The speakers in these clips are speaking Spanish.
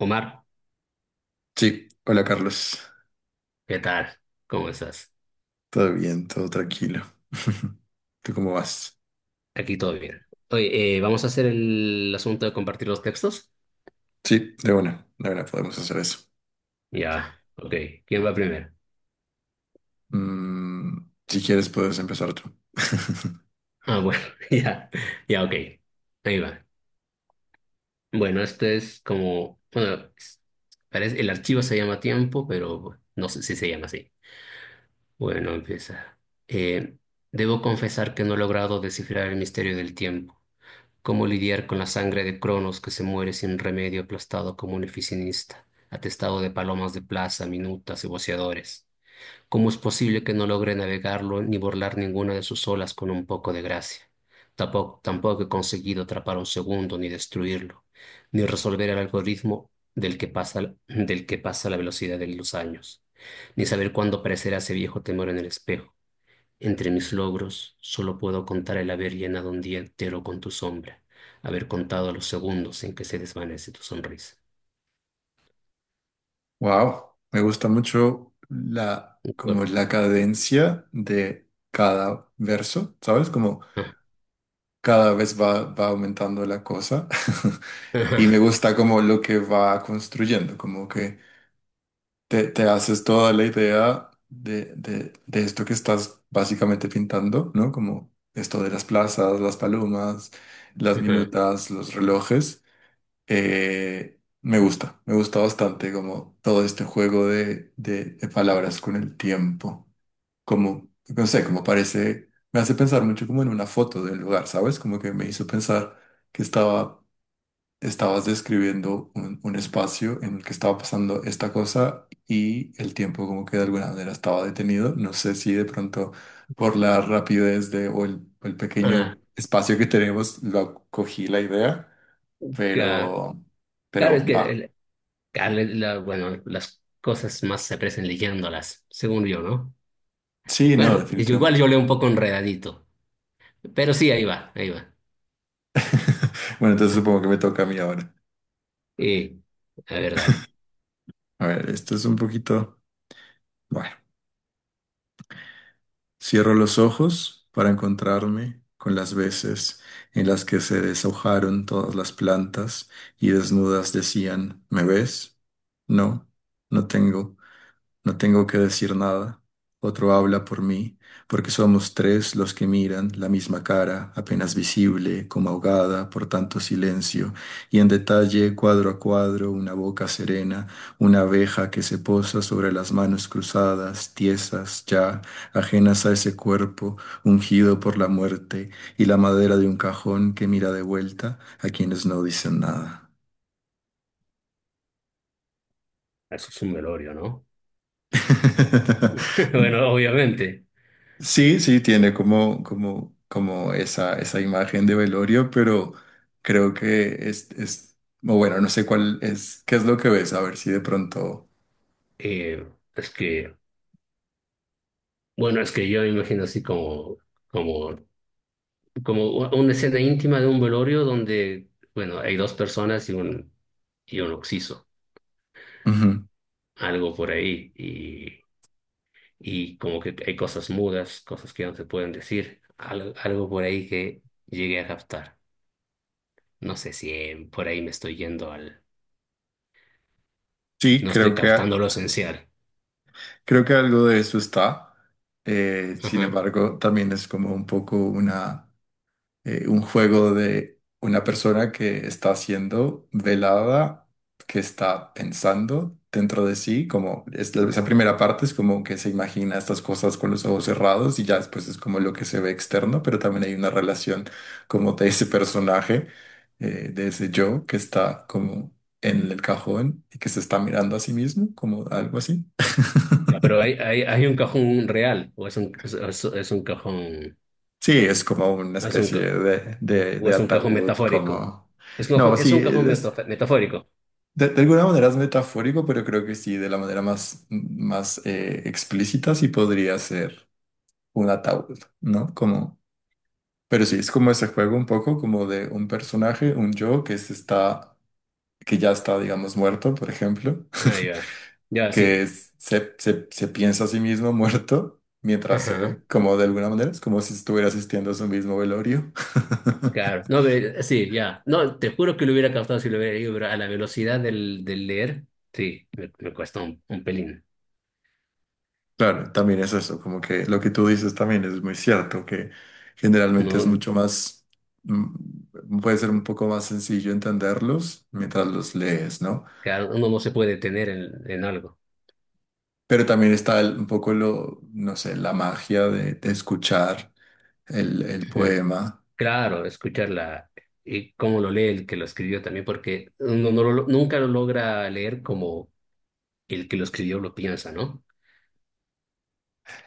Omar, Sí, hola Carlos. ¿qué tal? ¿Cómo estás? Todo bien, todo tranquilo. ¿Tú cómo vas? Aquí todo bien. Oye, ¿vamos a hacer el asunto de compartir los textos? Sí, de una podemos hacer eso. Ya, ok. ¿Quién va primero? Mm, si quieres, puedes empezar tú. Ah, bueno, ya, ya, ok. Ahí va. Bueno, este es como, bueno, parece, el archivo se llama tiempo, pero no sé si se llama así. Bueno, empieza. Eh, Debo confesar que no he logrado descifrar el misterio del tiempo. ¿Cómo lidiar con la sangre de Cronos que se muere sin remedio aplastado como un oficinista, atestado de palomas de plaza, minutas y voceadores? ¿Cómo es posible que no logre navegarlo ni burlar ninguna de sus olas con un poco de gracia? Tampoco he conseguido atrapar un segundo ni destruirlo, ni resolver el algoritmo del que pasa la velocidad de los años, ni saber cuándo aparecerá ese viejo temor en el espejo. Entre mis logros, solo puedo contar el haber llenado un día entero con tu sombra, haber contado los segundos en que se desvanece tu sonrisa. Wow, me gusta mucho como Cor- la cadencia de cada verso, ¿sabes? Como ah, cada vez va aumentando la cosa y me ajá, gusta como lo que va construyendo, como que te haces toda la idea de esto que estás básicamente pintando, ¿no? Como esto de las plazas, las palomas, las ajá, minutas, los relojes. Me gusta, me gusta bastante como todo este juego de palabras con el tiempo. Como, no sé, como parece, me hace pensar mucho como en una foto del lugar, ¿sabes? Como que me hizo pensar que estabas describiendo un espacio en el que estaba pasando esta cosa y el tiempo como que de alguna manera estaba detenido. No sé si de pronto por la rapidez de, el ah, pequeño espacio que tenemos lo cogí la idea, ca- pero, Claro, pero es que va. Claro, bueno, las cosas más se aprecian leyéndolas, según yo, ¿no? Sí, no, Bueno, igual definitivamente. yo leo un poco enredadito, pero sí, ahí va, ahí va. Bueno, entonces supongo que me toca a mí ahora. Eh, a ver, dale. A ver, esto es un poquito... Bueno. Cierro los ojos para encontrarme con las veces en las que se deshojaron todas las plantas y desnudas decían, ¿me ves? No, no tengo. No tengo que decir nada. Otro habla por mí, porque somos tres los que miran la misma cara, apenas visible, como ahogada por tanto silencio, y en detalle, cuadro a cuadro, una boca serena, una abeja que se posa sobre las manos cruzadas, tiesas ya, ajenas a ese cuerpo, ungido por la muerte, y la madera de un cajón que mira de vuelta a quienes no dicen nada. Eso es un velorio, ¿no? Bueno, obviamente. Sí, sí, tiene como, como, como esa imagen de velorio, pero creo que es, o bueno, no sé cuál es, qué es lo que ves, a ver si de pronto. Eh, es que bueno, es que yo me imagino así como, como, como una escena íntima de un velorio donde, bueno, hay dos personas y un occiso, Ujú. algo por ahí, y como que hay cosas mudas, cosas que no se pueden decir, algo, por ahí que llegué a captar. No sé si por ahí me estoy yendo al, Sí, no estoy captando lo esencial. creo que algo de eso está. Sin Ajá. embargo, también es como un poco una. Un juego de una persona que está siendo velada, que está pensando dentro de sí, como es esa primera parte es como que se imagina estas cosas con los ojos cerrados y ya después es como lo que se ve externo, pero también hay una relación como de ese personaje, de ese yo que está como en el cajón y que se está mirando a sí mismo, como algo así. Ya, pero hay, hay, hay un cajón real, o es un cajón, Sí, es como una es un especie cajón. de, de, ¿O de es un cajón ataúd, metafórico? como... No, Es sí, un cajón metafórico. de alguna manera es metafórico, pero creo que sí, de la manera más, más explícita sí podría ser un ataúd, ¿no? Como, pero sí, es como ese juego un poco como de un personaje, un yo que se está, que ya está, digamos, muerto, por ejemplo, Ah, ya. Ya, que sí. Se piensa a sí mismo muerto mientras se Ajá. ve, como de alguna manera, es como si estuviera asistiendo a su mismo velorio. Claro. No, pero sí, ya. No, te juro que lo hubiera captado si lo hubiera leído, pero a la velocidad del leer, sí, me cuesta un pelín. Claro, también es eso, como que lo que tú dices también es muy cierto, que generalmente es No, mucho más, puede ser un poco más sencillo entenderlos mientras los lees, ¿no? claro, uno no se puede detener en algo. Pero también está un poco lo, no sé, la magia de escuchar el Ujú. poema. Claro, escucharla y cómo lo lee el que lo escribió también, porque uno nunca lo logra leer como el que lo escribió lo piensa, ¿no?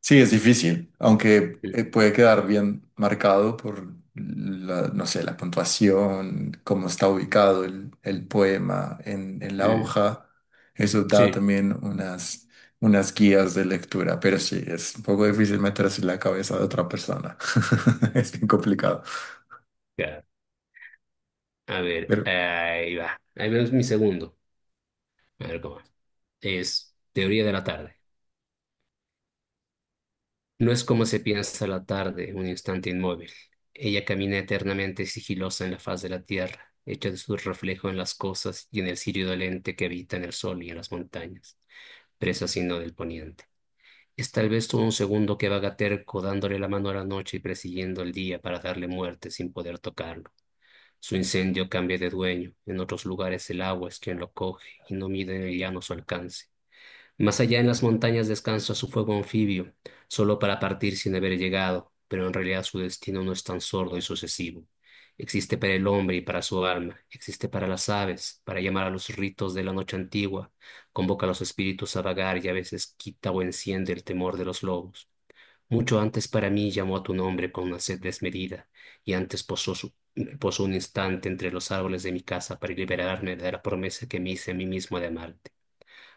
Sí, es difícil, aunque Mm, puede quedar bien marcado por la, no sé, la puntuación, cómo está ubicado el poema en la mm, hoja. Eso da sí, también unas, unas guías de lectura, pero sí, es un poco difícil meterse en la cabeza de otra persona. Es bien complicado. claro. A ver, Pero, ahí va. Ahí vemos mi segundo. A ver cómo es. Es teoría de la tarde. No es como se piensa la tarde, un instante inmóvil. Ella camina eternamente sigilosa en la faz de la tierra, hecha de su reflejo en las cosas y en el cirio dolente que habita en el sol y en las montañas, presa sino del poniente. Es tal vez todo un segundo que vaga terco, dándole la mano a la noche y persiguiendo el día para darle muerte sin poder tocarlo. Su incendio cambia de dueño, en otros lugares el agua es quien lo coge y no mide en el llano su alcance. Más allá en las montañas descansa su fuego anfibio, solo para partir sin haber llegado, pero en realidad su destino no es tan sordo y sucesivo. Existe para el hombre y para su alma, existe para las aves, para llamar a los ritos de la noche antigua, convoca a los espíritus a vagar y a veces quita o enciende el temor de los lobos. Mucho antes para mí llamó a tu nombre con una sed desmedida, y antes posó un instante entre los árboles de mi casa para liberarme de la promesa que me hice a mí mismo de amarte.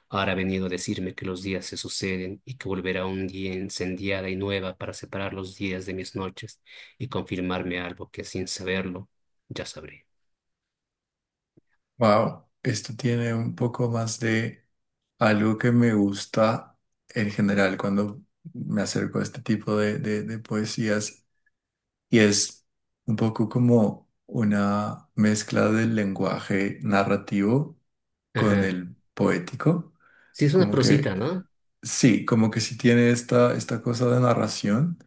Ahora ha venido a decirme que los días se suceden y que volverá un día incendiada y nueva para separar los días de mis noches y confirmarme algo que sin saberlo ya sabré. wow, esto tiene un poco más de algo que me gusta en general cuando me acerco a este tipo de, de poesías. Y es un poco como una mezcla del lenguaje narrativo con Ajá. el poético. Sí, es una Como prosita, que ¿no? sí, como que sí tiene esta, esta cosa de narración,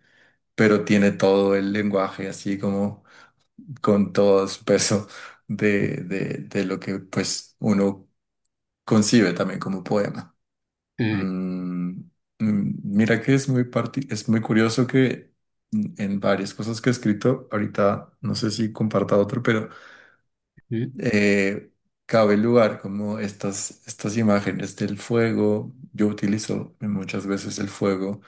pero tiene todo el lenguaje así como con todo su peso Mm, de lo que pues uno concibe también como poema. mm, Mm, Mira que es muy, es muy curioso que en varias cosas que he escrito. Ahorita no sé si comparta otro, pero mm. eh, cabe lugar como estas, estas imágenes del fuego. Yo utilizo muchas veces el fuego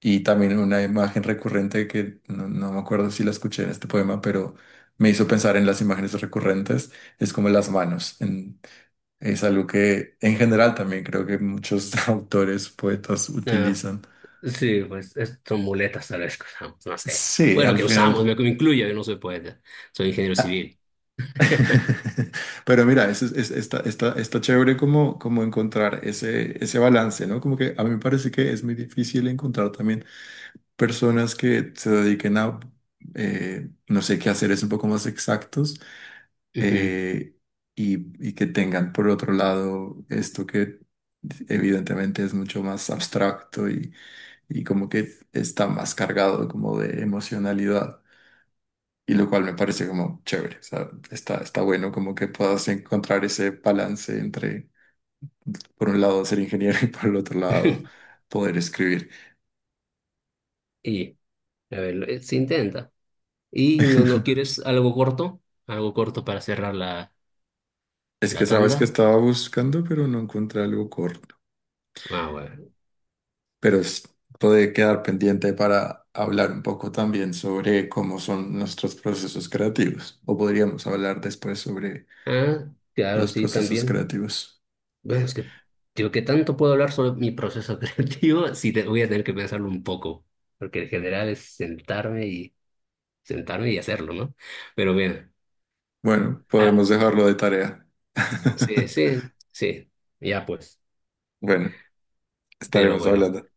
y también una imagen recurrente que no, no me acuerdo si la escuché en este poema, pero me hizo pensar en las imágenes recurrentes, es como las manos. Es algo que en general también creo que muchos autores, poetas Ajá. utilizan. Sí, pues son muletas tal vez que usamos, no sé. Sí, Bueno, al que final. usamos, me incluyo, yo no soy poeta, soy ingeniero civil. Pero mira, está, está chévere como, como encontrar ese, ese balance, ¿no? Como que a mí me parece que es muy difícil encontrar también personas que se dediquen a, no sé, qué hacer es un poco más exactos. Ujú. eh, y, y que tengan por otro lado esto que evidentemente es mucho más abstracto y como que está más cargado como de emocionalidad. Y lo cual me parece como chévere, o sea, está, está bueno como que puedas encontrar ese balance entre, por un lado, ser ingeniero y por el otro lado, poder escribir. Y, a ver, se intenta. ¿Y no quieres algo corto? ¿Algo corto para cerrar la, Es que la sabes que tanda? estaba buscando, pero no encontré algo corto. Ah, bueno. Pero puede quedar pendiente para hablar un poco también sobre cómo son nuestros procesos creativos. O podríamos hablar después sobre Ah, claro, los sí, procesos también. creativos. Bueno, es que digo que tanto puedo hablar sobre mi proceso creativo, sí te, voy a tener que pensarlo un poco, porque en general es sentarme y sentarme y hacerlo, ¿no? Pero bien, Bueno, podemos dejarlo de tarea. sí, sí, sí, ya pues. Bueno, Pero estaremos bueno, hablando.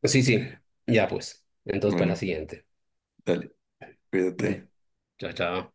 pues sí, sí, ya pues. Entonces, para la Bueno, siguiente. dale. Cuídate. Mm, chao, chao.